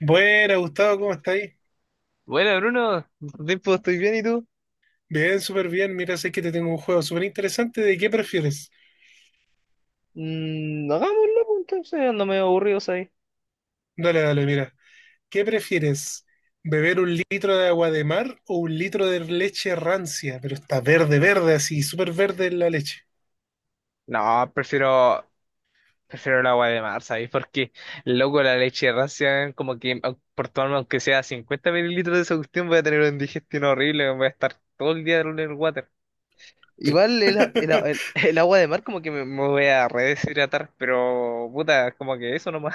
Buena, Gustavo, ¿cómo estáis? Bueno, Bruno, ¿Cuánto tiempo? Estoy bien, ¿y tú? Bien, súper bien. Mira, sé que te tengo un juego súper interesante. ¿De qué prefieres? Hagámoslo, pues, entonces ando medio aburrido, ¿sabes? Dale, dale, mira. ¿Qué prefieres? ¿Beber un litro de agua de mar o un litro de leche rancia? Pero está verde, verde, así, súper verde la leche. No, prefiero el agua de mar, ¿sabes? Porque, loco, la leche ración, como que por tomarme aunque sea 50 mililitros de esa cuestión, voy a tener una digestión horrible, voy a estar todo el día en el water. Igual el, a- el, a- el- el agua de mar como que me voy a redeshidratar, pero puta, como que eso nomás.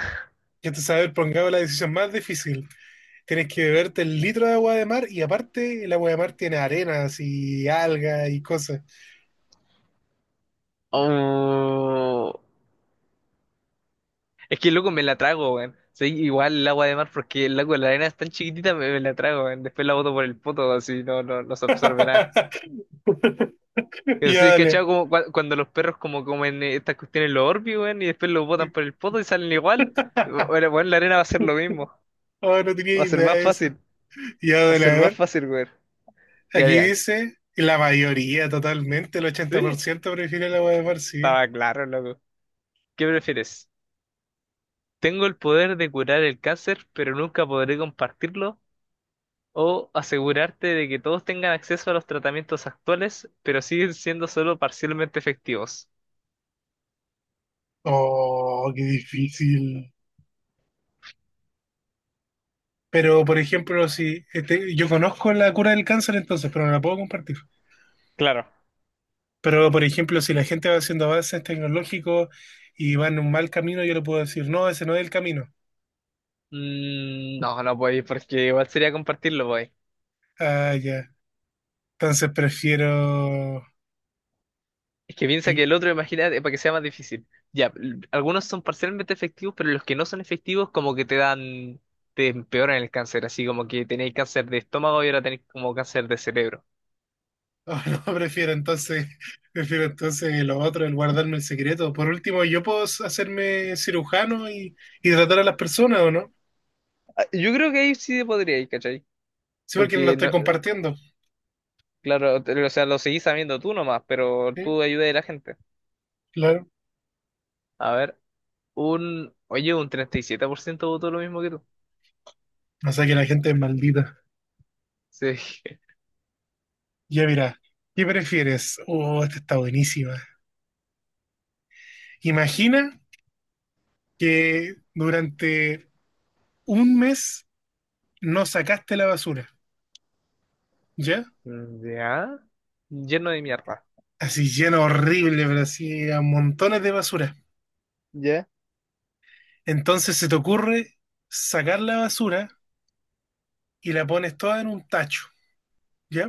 Ya te sabes, pongamos la decisión más difícil. Tienes que beberte el litro de agua de mar y aparte el agua de mar tiene arenas y algas y cosas. Oh. Es que loco me la trago, weón. Soy igual el agua de mar porque el agua la arena es tan chiquitita, me la trago, weón. Después la boto por el poto, así no se absorbe nada. Pero Ya, sí, dale. cachado como cuando los perros como comen estas cuestiones los Orbeez, weón, y después los botan por el poto y salen igual. Bueno, weón, la arena va a ser lo mismo. Oh, no tenía Va a ser idea más de eso. fácil. Ya, Va a dale, ser a más ver. fácil, weón. Ya Aquí mira. dice que la mayoría, totalmente, el Sí, 80% prefiere la hueá de mar, sí. estaba claro, loco. ¿Qué prefieres? Tengo el poder de curar el cáncer, pero nunca podré compartirlo. O asegurarte de que todos tengan acceso a los tratamientos actuales, pero siguen siendo solo parcialmente efectivos. Oh, qué difícil. Pero, por ejemplo, si yo conozco la cura del cáncer entonces, pero no la puedo compartir. Claro. Pero, por ejemplo, si la gente va haciendo avances tecnológicos y va en un mal camino, yo le puedo decir, no, ese no es el camino. No, no podéis, porque igual sería compartirlo, pues. Ah, ya. Entonces prefiero... Es que piensa que ¿sí? el otro, imagínate, para que sea más difícil. Ya, algunos son parcialmente efectivos, pero los que no son efectivos como que te dan, te empeoran el cáncer, así como que tenéis cáncer de estómago y ahora tenéis como cáncer de cerebro. Oh, no, prefiero entonces, prefiero entonces lo otro, el guardarme el secreto. Por último, yo puedo hacerme cirujano y tratar a las personas, ¿o no? Ah, yo creo que ahí sí podríais, ¿cachai? Sí, porque no lo Porque, estoy no, compartiendo. claro, o sea, lo seguís sabiendo tú nomás, pero Sí, tú ayudas a la gente. claro. A ver. Oye, un 37% votó lo mismo que tú. O sea que la gente es maldita. Sí. Ya mira, ¿qué prefieres? Oh, esta está buenísima. Imagina que durante un mes no sacaste la basura, ¿ya? Ya. Lleno de mierda. Así lleno horrible, pero así a montones de basura. Ya. Entonces se te ocurre sacar la basura y la pones toda en un tacho, ¿ya?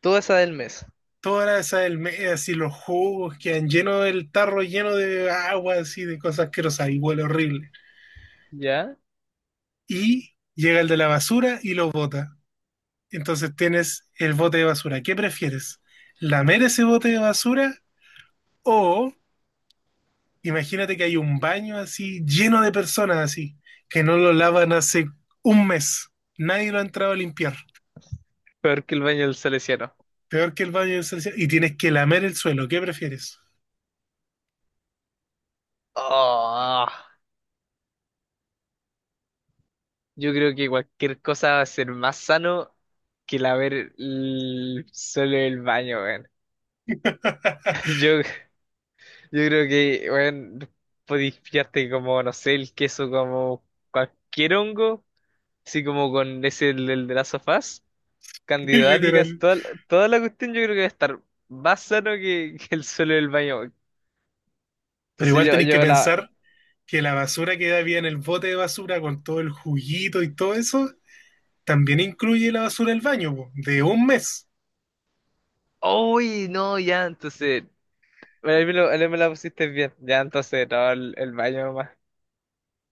Toda esa del mes. Todas esas almejas y los jugos quedan llenos del tarro, lleno de agua, así de cosas asquerosas y huele horrible. Ya. Y llega el de la basura y lo bota. Entonces tienes el bote de basura. ¿Qué prefieres? ¿Lamer ese bote de basura o imagínate que hay un baño así lleno de personas así que no lo lavan hace un mes? Nadie lo ha entrado a limpiar. Peor que el baño del salesiano. Peor que el baño de y tienes que lamer el suelo. ¿Qué prefieres? Oh, yo creo que cualquier cosa va a ser más sano que el solo el baño, weón. Yo creo que, weón, podéis pillarte como, no sé, el queso como cualquier hongo, así como con ese del, del de las sofás. Candidato Albigas, Literal. toda la cuestión yo creo que va a estar más sano que el suelo del baño. Pero Entonces igual yo, tenéis que yo la... pensar que la basura que había en el bote de basura con todo el juguito y todo eso, también incluye la basura del baño, po, de un mes. ¡Uy! No, ya, entonces... Bueno, ahí me la pusiste bien. Ya, entonces, no, el baño más.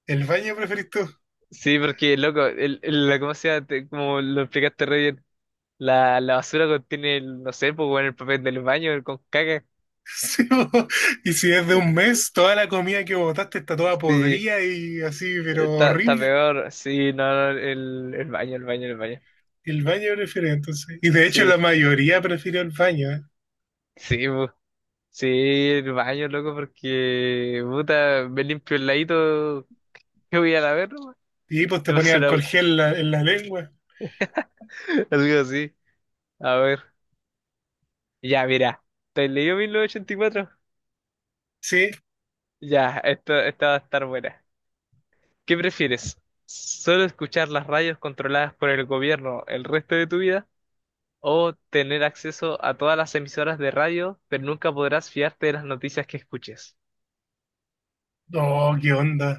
El baño preferís tú. Sí, porque, loco, la, ¿cómo se llama? Como lo explicaste re bien. La basura contiene, el, no sé, pues, bueno, el papel del baño el con caca. Sí, po. Y si es de un mes, toda la comida que botaste está toda Sí, podrida y así, pero está horrible. peor. Sí, no, no, el baño, el baño, el baño. El baño preferido, entonces. Y de hecho la Sí, mayoría prefirió el baño, ¿eh? sí, pues. Sí, el baño, loco, porque, puta, me limpio el ladito que voy a la ver, nomás. Y ahí, pues te Le ponía paso alcohol basura, gel en la lengua. güey. Algo así. A ver. Ya, mira. ¿Te has leído 1984? Sí. Ya, esta va a estar buena. ¿Qué prefieres? ¿Solo escuchar las radios controladas por el gobierno el resto de tu vida? ¿O tener acceso a todas las emisoras de radio, pero nunca podrás fiarte de las noticias que escuches? Oh, qué onda.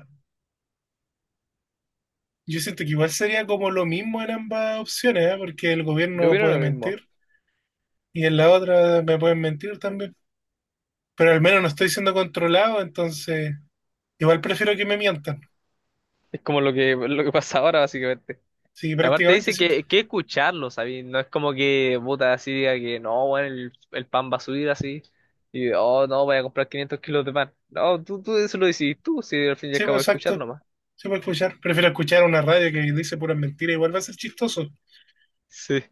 Yo siento que igual sería como lo mismo en ambas opciones, ¿eh? Porque el Yo gobierno opino puede lo mentir. mismo. Y en la otra me pueden mentir también, pero al menos no estoy siendo controlado, entonces igual prefiero que me mientan. Es como lo que pasa ahora, básicamente. Sí, Aparte prácticamente, dice sí, que escucharlo, ¿sabes? No es como que puta así diga que no, bueno, el pan va a subir así y oh, no, voy a comprar 500 kilos de pan. No, tú eso lo decís tú, si al fin y al sí, cabo pues escuchar exacto, nomás. sí puedo escuchar. Prefiero escuchar una radio que dice puras mentiras, igual va a ser chistoso. Sí.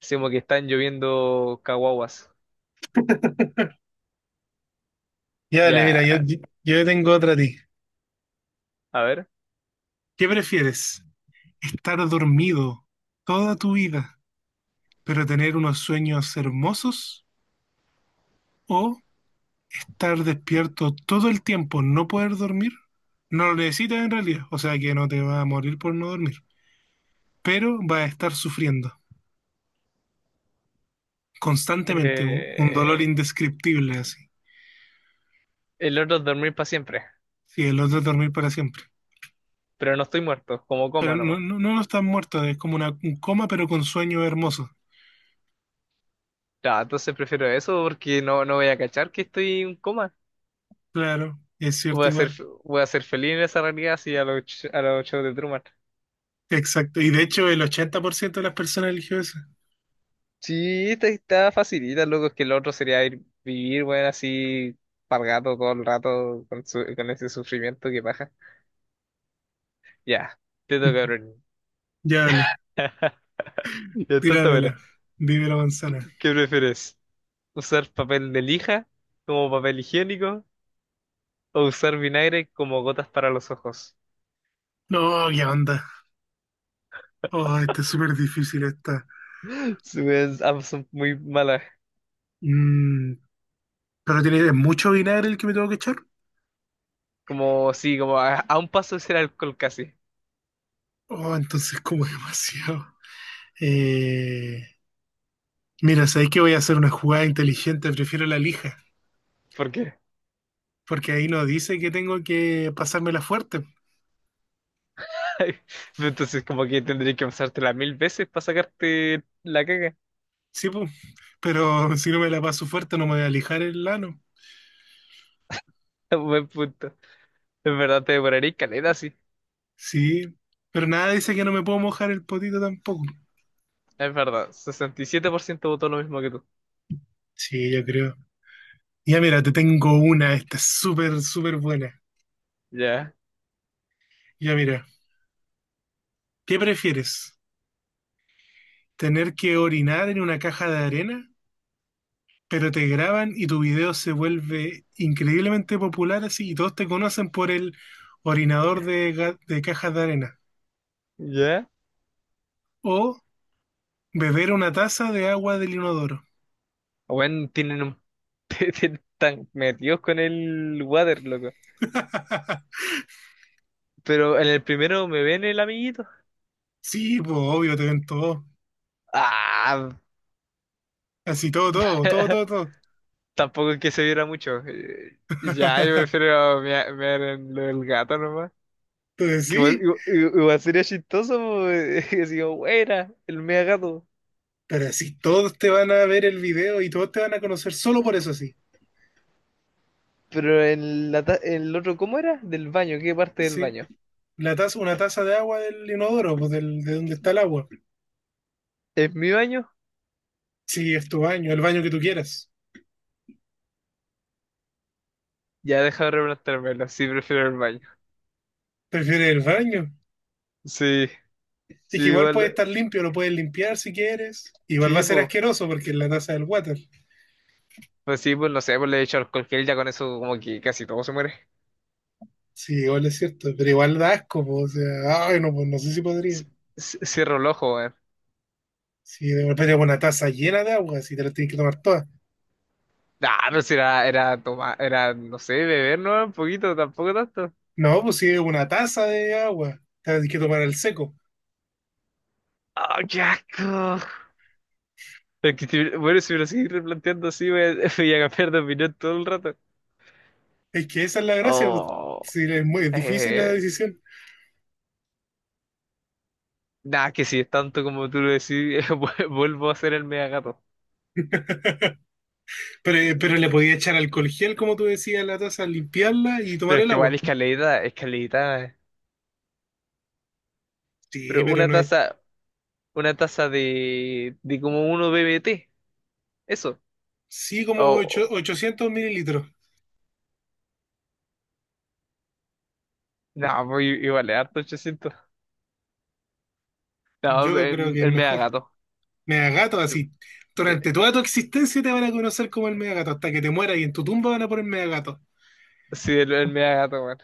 Sí, como que están lloviendo caguaguas. Ya, dale, mira, Ya, yo tengo otra a ti. a ver. ¿Qué prefieres? ¿Estar dormido toda tu vida, pero tener unos sueños hermosos? ¿O estar despierto todo el tiempo, no poder dormir? No lo necesitas en realidad, o sea que no te va a morir por no dormir. Pero va a estar sufriendo constantemente un dolor Eh, indescriptible así. el otro es dormir para siempre, Sí, el otro es dormir para siempre. pero no estoy muerto, como Pero coma no, nomás. no, no está muerto, es como un coma, pero con sueño hermoso. Ya, entonces prefiero eso porque no voy a cachar que estoy en coma. Claro, es Voy cierto a ser, igual. voy a ser feliz en esa realidad así a a los shows de Truman. Exacto. Y de hecho, el 80% de las personas eligió eso. Sí, esta está facilita, loco, es que el otro sería ir, vivir, bueno, así, pargato todo el rato con ese sufrimiento que baja. Ya, te toca, cabrón. Ya dale, Ya tonta, buena. tíramela. Vive la manzana. ¿Qué prefieres? ¿Usar papel de lija como papel higiénico o usar vinagre como gotas para los ojos? No, qué onda. Oh, está súper difícil esta. Sí, weón, ambas son muy malas. Mm, pero tiene mucho vinagre el que me tengo que echar. Como, sí, como a un paso de ser alcohol casi. Oh, entonces como demasiado. Eh, Mira, sabéis que voy a hacer una jugada inteligente, prefiero la lija, ¿Por qué? porque ahí no dice que tengo que pasármela fuerte. Entonces, como que tendría que pasártela mil veces para sacarte la caga. Sí, pues, pero si no me la paso fuerte no me voy a lijar el lano. Buen punto. En verdad te demoraría caleta, sí. Sí, pero nada dice que no me puedo mojar el potito tampoco. Es verdad. 67% votó lo mismo que tú. Sí, yo creo. Ya mira, te tengo una, esta es súper, súper buena. Ya, Ya mira, ¿qué prefieres? ¿Tener que orinar en una caja de arena pero te graban y tu video se vuelve increíblemente popular así y todos te conocen por el orinador de, de cajas de arena ya. o beber una taza de agua del inodoro? Bueno, tienen un... tienen tan metidos con el water, loco. Pero en el primero me ven el amiguito. Sí, pues obvio, te ven todo. Ah, Así todo, todo, todo, todo, todo. tampoco es que se viera mucho. Ya, yo prefiero mear en lo del gato nomás. Entonces Que igual, sí, igu- igu- igual sería chistoso, po, así como, "Wey, era el mea gato. pero así todos te van a ver el video y todos te van a conocer solo por eso, sí. Pero en el otro, ¿cómo era? Del baño, ¿qué parte del Sí, baño? la taza, una taza de agua del inodoro, pues del, de donde está el agua. ¿Es mi baño? Sí, es tu baño, el baño que tú quieras. Ya deja de replantármelo, sí prefiero el baño. ¿Prefieres el baño? Sí, sí, Dije, igual puede igual, estar limpio, lo puedes limpiar si quieres. Igual va a sí, ser pues, asqueroso porque es la taza del water. pues sí, pues no sé, pues le he hecho alcohol gel, ya con eso como que casi todo se muere. Sí, igual es cierto, pero igual da asco, po, o sea, ay, no, pues no sé si C- podría. Cierro el ojo, weón. Si de repente es una taza llena de agua, si te la tienes que tomar toda. Nah, pero si era tomar, era, no sé, beber, ¿no? Un poquito, tampoco tanto. No, pues si es una taza de agua, te la tienes que tomar al seco. ¡Ah, qué asco! Es que bueno, si me lo seguís replanteando así, voy a, voy a cambiar de opinión todo el rato. Es que esa es la gracia, pues. Oh, Sí, es muy es difícil la eh, decisión. nada, que si es tanto como tú lo decís, vuelvo a ser el mega gato. Pero le podía echar alcohol gel, como tú decías, a la taza, limpiarla y Pero tomar es el que igual agua. escalerita, escalerita. Sí, Pero pero una no es. taza, una taza de como uno BBT, eso. Sí, como O, 800 mililitros. no, pues igual es harto 800. No, Yo creo el, que es el mega mejor. gato. Megagato, Yo- así. Sí, Durante toda tu existencia te van a conocer como el Megagato, hasta que te mueras y en tu tumba van a poner Megagato. sí, el mega gato, weón.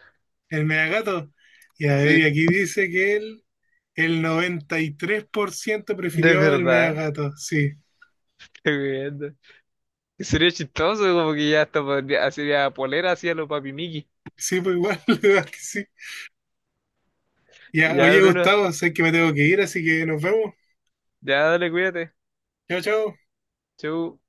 El Megagato. Y a ver, y Sí, aquí dice que él, el 93% de prefirió el verdad. Megagato. Sí, Qué bien. Sería chistoso, como que ya hasta podría, sería polera, hacía los papi Miki. sí, pues igual, la verdad que sí. Ya, Ya, oye, Bruno, Gustavo, sé que me tengo que ir, así que nos vemos. ya dale, cuídate. Chao, chao. Chau.